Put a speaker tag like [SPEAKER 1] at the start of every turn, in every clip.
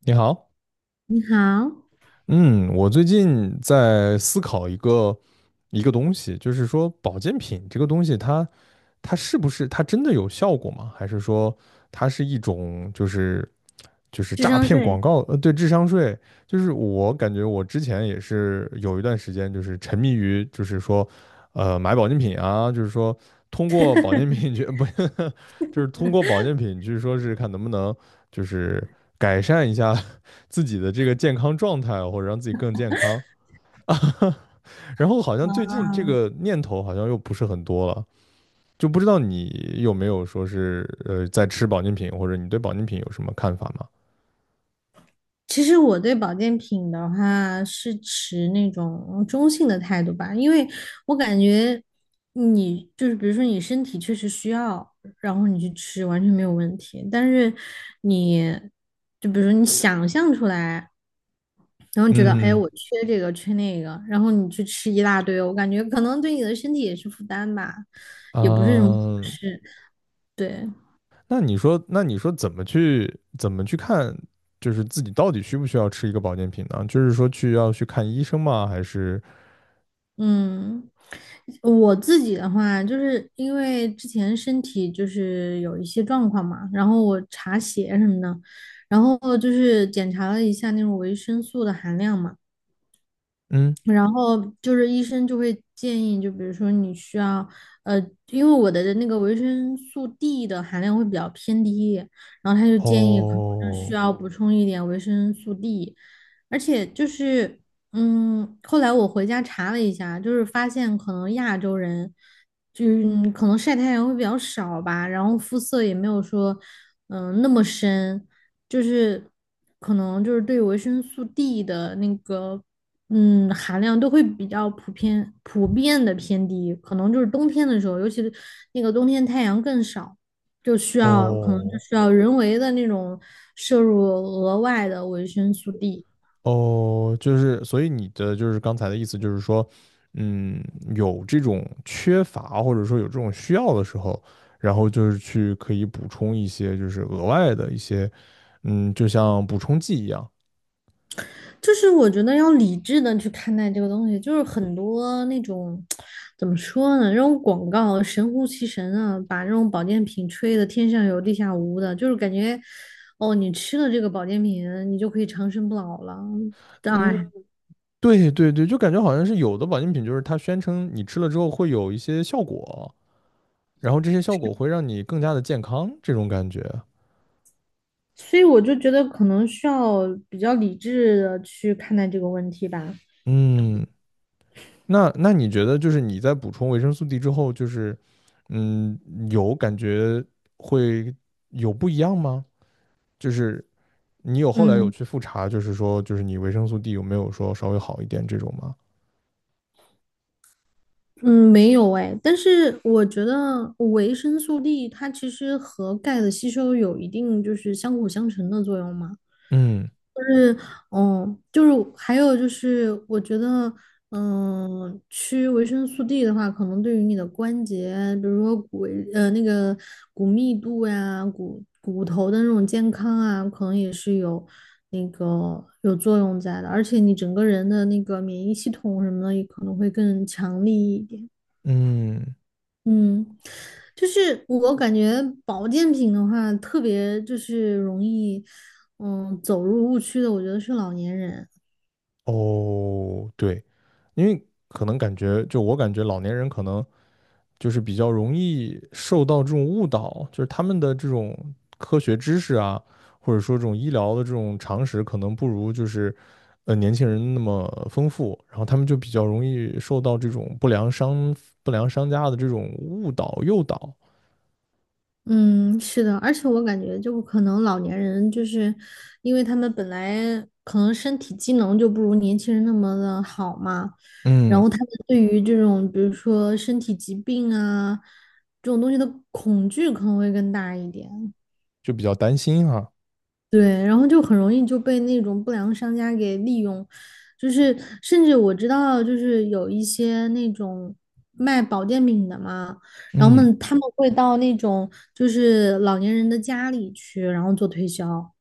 [SPEAKER 1] 你好。
[SPEAKER 2] 你好，
[SPEAKER 1] 嗯，我最近在思考一个东西，就是说保健品这个东西它是不是它真的有效果吗？还是说它是一种就是
[SPEAKER 2] 智
[SPEAKER 1] 诈
[SPEAKER 2] 商
[SPEAKER 1] 骗广
[SPEAKER 2] 税
[SPEAKER 1] 告？对，智商税。就是我感觉我之前也是有一段时间就是沉迷于就是说，买保健品啊。就是说通过保健品去 不，就是通过保健品去说是看能不能就是改善一下自己的这个健康状态，或者让自己更健康 然后好像最近这
[SPEAKER 2] 啊，
[SPEAKER 1] 个念头好像又不是很多了，就不知道你有没有说是在吃保健品，或者你对保健品有什么看法吗？
[SPEAKER 2] 其实我对保健品的话是持那种中性的态度吧，因为我感觉你就是比如说你身体确实需要，然后你去吃完全没有问题，但是你就比如说你想象出来，然后你觉得哎
[SPEAKER 1] 嗯
[SPEAKER 2] 我缺这个缺那个，然后你去吃一大堆，我感觉可能对你的身体也是负担吧，
[SPEAKER 1] 啊、
[SPEAKER 2] 也不是什么好
[SPEAKER 1] 呃
[SPEAKER 2] 事，对。
[SPEAKER 1] 那你说，怎么去看，就是自己到底需不需要吃一个保健品呢？就是说去要去看医生吗？还是？
[SPEAKER 2] 嗯，我自己的话，就是因为之前身体就是有一些状况嘛，然后我查血什么的，然后就是检查了一下那种维生素的含量嘛，
[SPEAKER 1] 嗯。
[SPEAKER 2] 然后就是医生就会建议，就比如说你需要，呃，因为我的那个维生素 D 的含量会比较偏低，然后他就建议可能是需
[SPEAKER 1] 哦
[SPEAKER 2] 要补充一点维生素 D。而且就是，后来我回家查了一下，就是发现可能亚洲人，就是可能晒太阳会比较少吧，然后肤色也没有说，那么深，就是可能就是对维生素 D 的那个，含量都会比较普遍的偏低，可能就是冬天的时候，尤其是那个冬天太阳更少。就需要可能就
[SPEAKER 1] 哦。
[SPEAKER 2] 需要人为的那种摄入额外的维生素 D。
[SPEAKER 1] 哦，就是，所以你的就是刚才的意思就是说，嗯，有这种缺乏或者说有这种需要的时候，然后就是去可以补充一些就是额外的一些，嗯，就像补充剂一样。
[SPEAKER 2] 就是我觉得要理智的去看待这个东西，就是很多那种怎么说呢，这种广告神乎其神啊，把这种保健品吹的天上有地下无的，就是感觉哦，你吃了这个保健品，你就可以长生不老了，
[SPEAKER 1] 嗯，
[SPEAKER 2] 哎，
[SPEAKER 1] 对对对，就感觉好像是有的保健品就是它宣称你吃了之后会有一些效果，然后这些效果会让你更加的健康这种感觉。
[SPEAKER 2] 所以我就觉得可能需要比较理智的去看待这个问题吧，
[SPEAKER 1] 嗯。那你觉得就是你在补充维生素 D 之后，就是，嗯，有感觉会有不一样吗？就是你有后来有
[SPEAKER 2] 嗯。
[SPEAKER 1] 去复查，就是说就是你维生素 D 有没有说稍微好一点这种吗？
[SPEAKER 2] 嗯，没有哎，但是我觉得维生素 D 它其实和钙的吸收有一定就是相辅相成的作用嘛。
[SPEAKER 1] 嗯
[SPEAKER 2] 就是。哦，就是还有就是，我觉得，吃维生素 D 的话，可能对于你的关节，比如说那个骨密度呀、骨头的那种健康啊，可能也是有那个有作用在的。而且你整个人的那个免疫系统什么的，也可能会更强力一点。
[SPEAKER 1] 嗯。
[SPEAKER 2] 嗯，就是我感觉保健品的话，特别就是容易，走入误区的，我觉得是老年人。
[SPEAKER 1] 哦，对，因为可能感觉就我感觉老年人可能就是比较容易受到这种误导，就是他们的这种科学知识啊，或者说这种医疗的这种常识，可能不如就是年轻人那么丰富，然后他们就比较容易受到这种不良商家的这种误导诱导。
[SPEAKER 2] 嗯，是的，而且我感觉就可能老年人就是，因为他们本来可能身体机能就不如年轻人那么的好嘛，然后
[SPEAKER 1] 嗯，
[SPEAKER 2] 他们对于这种比如说身体疾病啊这种东西的恐惧可能会更大一点，
[SPEAKER 1] 就比较担心哈。
[SPEAKER 2] 对，然后就很容易就被那种不良商家给利用，就是甚至我知道，就是有一些那种卖保健品的嘛，然后
[SPEAKER 1] 嗯，
[SPEAKER 2] 他们会到那种就是老年人的家里去，然后做推销，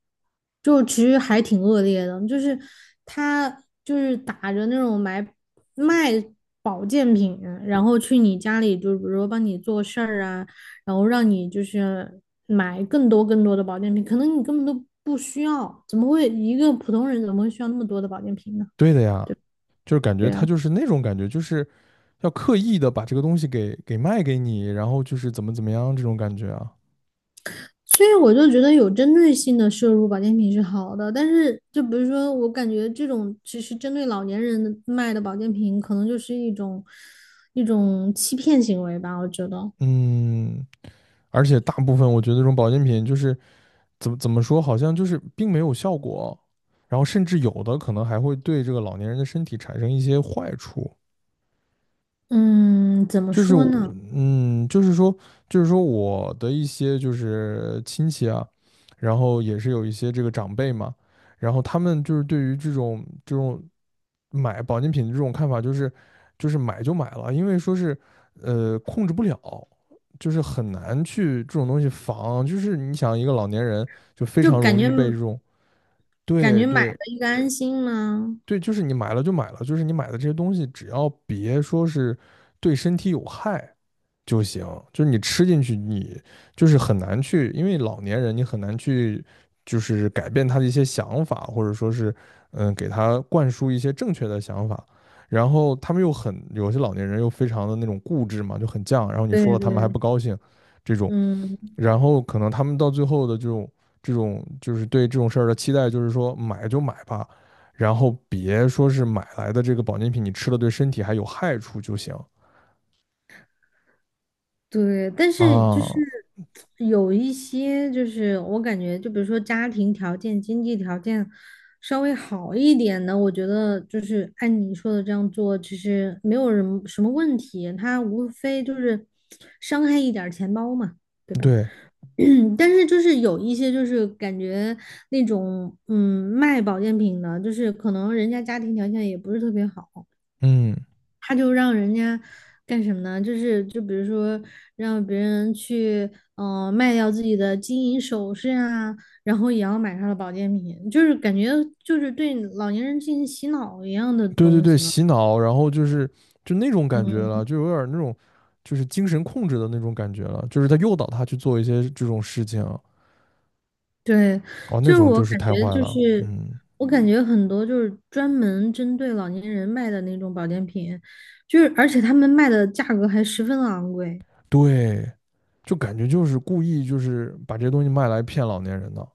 [SPEAKER 2] 就其实还挺恶劣的，就是他就是打着那种卖保健品，然后去你家里，就比如说帮你做事儿啊。然后让你就是买更多更多的保健品，可能你根本都不需要，怎么会一个普通人怎么会需要那么多的保健品呢？
[SPEAKER 1] 对的呀，就是感觉
[SPEAKER 2] 对
[SPEAKER 1] 他
[SPEAKER 2] 啊，
[SPEAKER 1] 就是那种感觉，就是要刻意的把这个东西给卖给你，然后就是怎么怎么样这种感觉啊。
[SPEAKER 2] 所以我就觉得有针对性的摄入保健品是好的，但是就比如说我感觉这种其实针对老年人卖的保健品，可能就是一种欺骗行为吧，我觉得。
[SPEAKER 1] 嗯，而且大部分我觉得这种保健品就是怎么说，好像就是并没有效果，然后甚至有的可能还会对这个老年人的身体产生一些坏处。
[SPEAKER 2] 嗯，怎么
[SPEAKER 1] 就是
[SPEAKER 2] 说
[SPEAKER 1] 我，
[SPEAKER 2] 呢？
[SPEAKER 1] 就是说，就是说我的一些就是亲戚啊，然后也是有一些这个长辈嘛，然后他们就是对于这种买保健品的这种看法，就是买就买了，因为说是控制不了，就是很难去这种东西防，就是你想一个老年人就非
[SPEAKER 2] 就
[SPEAKER 1] 常
[SPEAKER 2] 感
[SPEAKER 1] 容易
[SPEAKER 2] 觉
[SPEAKER 1] 被这种
[SPEAKER 2] 感
[SPEAKER 1] 对
[SPEAKER 2] 觉买了
[SPEAKER 1] 对
[SPEAKER 2] 一个安心嘛。
[SPEAKER 1] 对，就是你买了就买了，就是你买的这些东西只要别说是对身体有害，就行，就是你吃进去，你就是很难去，因为老年人你很难去，就是改变他的一些想法，或者说是，嗯，给他灌输一些正确的想法。然后他们又很，有些老年人又非常的那种固执嘛，就很犟，然后你说
[SPEAKER 2] 对
[SPEAKER 1] 了他们还
[SPEAKER 2] 对，
[SPEAKER 1] 不高兴，这种。
[SPEAKER 2] 嗯。
[SPEAKER 1] 然后可能他们到最后的这种就是对这种事儿的期待，就是说买就买吧，然后别说是买来的这个保健品你吃了对身体还有害处就行
[SPEAKER 2] 对，但是就
[SPEAKER 1] 啊，
[SPEAKER 2] 是有一些，就是我感觉，就比如说家庭条件、经济条件稍微好一点的，我觉得就是按你说的这样做，其实没有人什么问题，他无非就是伤害一点儿钱包嘛，对吧？
[SPEAKER 1] 对，
[SPEAKER 2] 但是就是有一些就是感觉那种卖保健品的，就是可能人家家庭条件也不是特别好。
[SPEAKER 1] 嗯。
[SPEAKER 2] 他就让人家干什么呢？就是就比如说让别人去卖掉自己的金银首饰啊，然后也要买他的保健品，就是感觉就是对老年人进行洗脑一样的
[SPEAKER 1] 对对
[SPEAKER 2] 东
[SPEAKER 1] 对，
[SPEAKER 2] 西了。
[SPEAKER 1] 洗脑，然后就是就那种感觉了，
[SPEAKER 2] 嗯，
[SPEAKER 1] 就有点儿那种就是精神控制的那种感觉了，就是他诱导他去做一些这种事情。哦，
[SPEAKER 2] 对，
[SPEAKER 1] 那
[SPEAKER 2] 就是
[SPEAKER 1] 种就是太坏了，嗯。
[SPEAKER 2] 我感觉很多就是专门针对老年人卖的那种保健品，就是而且他们卖的价格还十分昂贵。
[SPEAKER 1] 对，就感觉就是故意就是把这些东西卖来骗老年人的。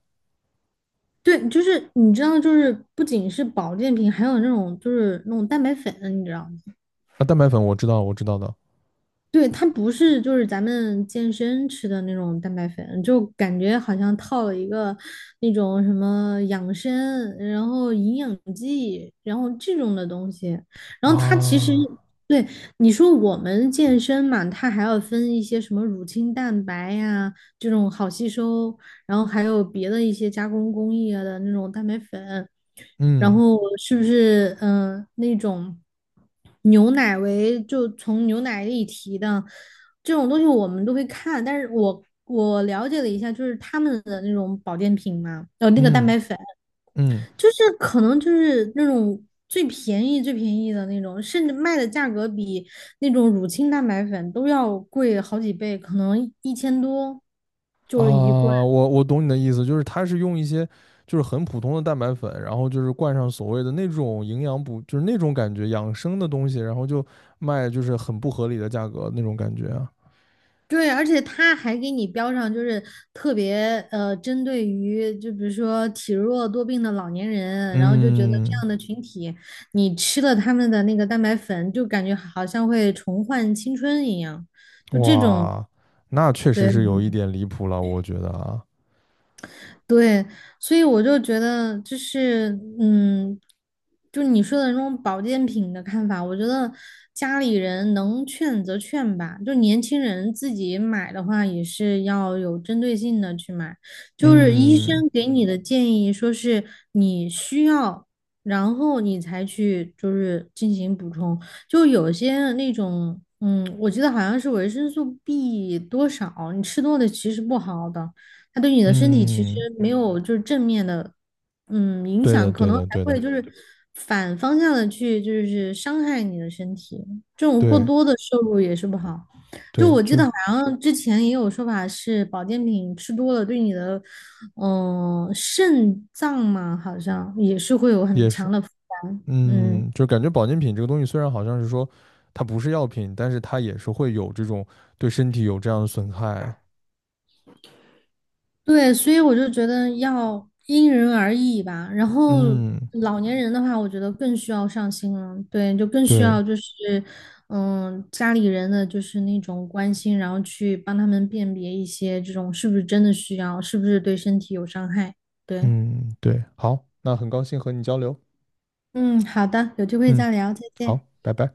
[SPEAKER 2] 对，就是你知道，就是不仅是保健品，还有那种就是那种蛋白粉啊，你知道吗？
[SPEAKER 1] 啊，蛋白粉我知道我知道的。
[SPEAKER 2] 对，它不是就是咱们健身吃的那种蛋白粉，就感觉好像套了一个那种什么养生，然后营养剂，然后这种的东西。然后它其实
[SPEAKER 1] 啊，
[SPEAKER 2] 对你说我们健身嘛，它还要分一些什么乳清蛋白呀、这种好吸收，然后还有别的一些加工工艺啊的那种蛋白粉，然
[SPEAKER 1] 嗯
[SPEAKER 2] 后是不是那种牛奶为就从牛奶里提的这种东西我们都会看，但是我了解了一下，就是他们的那种保健品嘛，那个蛋
[SPEAKER 1] 嗯
[SPEAKER 2] 白粉，
[SPEAKER 1] 嗯。
[SPEAKER 2] 就是可能就是那种。最便宜、最便宜的那种，甚至卖的价格比那种乳清蛋白粉都要贵好几倍，可能1000多
[SPEAKER 1] 啊，
[SPEAKER 2] 就是一罐。
[SPEAKER 1] 我懂你的意思，就是它是用一些就是很普通的蛋白粉，然后就是灌上所谓的那种营养补，就是那种感觉养生的东西，然后就卖就是很不合理的价格那种感觉啊。
[SPEAKER 2] 对，而且他还给你标上，就是特别针对于就比如说体弱多病的老年人，然后就觉得这
[SPEAKER 1] 嗯，
[SPEAKER 2] 样的群体，你吃了他们的那个蛋白粉，就感觉好像会重焕青春一样，就这种，
[SPEAKER 1] 哇，那确实
[SPEAKER 2] 对，
[SPEAKER 1] 是有一点离谱了，我觉得啊。
[SPEAKER 2] 对，所以我就觉得，就是，嗯，就你说的那种保健品的看法，我觉得家里人能劝则劝吧，就年轻人自己买的话，也是要有针对性的去买。就是医
[SPEAKER 1] 嗯
[SPEAKER 2] 生给你的建议，说是你需要，然后你才去就是进行补充。就有些那种，嗯，我记得好像是维生素 B 多少，你吃多了其实不好的。它对你的身体其实
[SPEAKER 1] 嗯，
[SPEAKER 2] 没有就是正面的，影
[SPEAKER 1] 对的
[SPEAKER 2] 响，可
[SPEAKER 1] 对
[SPEAKER 2] 能还
[SPEAKER 1] 的对的，
[SPEAKER 2] 会就是反方向的去就是伤害你的身体，这种过
[SPEAKER 1] 对
[SPEAKER 2] 多的摄入也是不好。就
[SPEAKER 1] 对，
[SPEAKER 2] 我记
[SPEAKER 1] 就
[SPEAKER 2] 得
[SPEAKER 1] 是
[SPEAKER 2] 好像之前也有说法是保健品吃多了对你的，肾脏嘛，好像也是会有很
[SPEAKER 1] 也是。
[SPEAKER 2] 强的负担。嗯。
[SPEAKER 1] 嗯，就感觉保健品这个东西虽然好像是说它不是药品，但是它也是会有这种对身体有这样的损害。
[SPEAKER 2] 对，所以我就觉得要因人而异吧。然后
[SPEAKER 1] 嗯，
[SPEAKER 2] 老年人的话，我觉得更需要上心了，对，就更需
[SPEAKER 1] 对。
[SPEAKER 2] 要就是，家里人的就是那种关心，然后去帮他们辨别一些这种是不是真的需要，是不是对身体有伤害。对，
[SPEAKER 1] 嗯，对，好，那很高兴和你交流。
[SPEAKER 2] 嗯，好的，有机会
[SPEAKER 1] 嗯，
[SPEAKER 2] 再聊，再见。
[SPEAKER 1] 好，拜拜。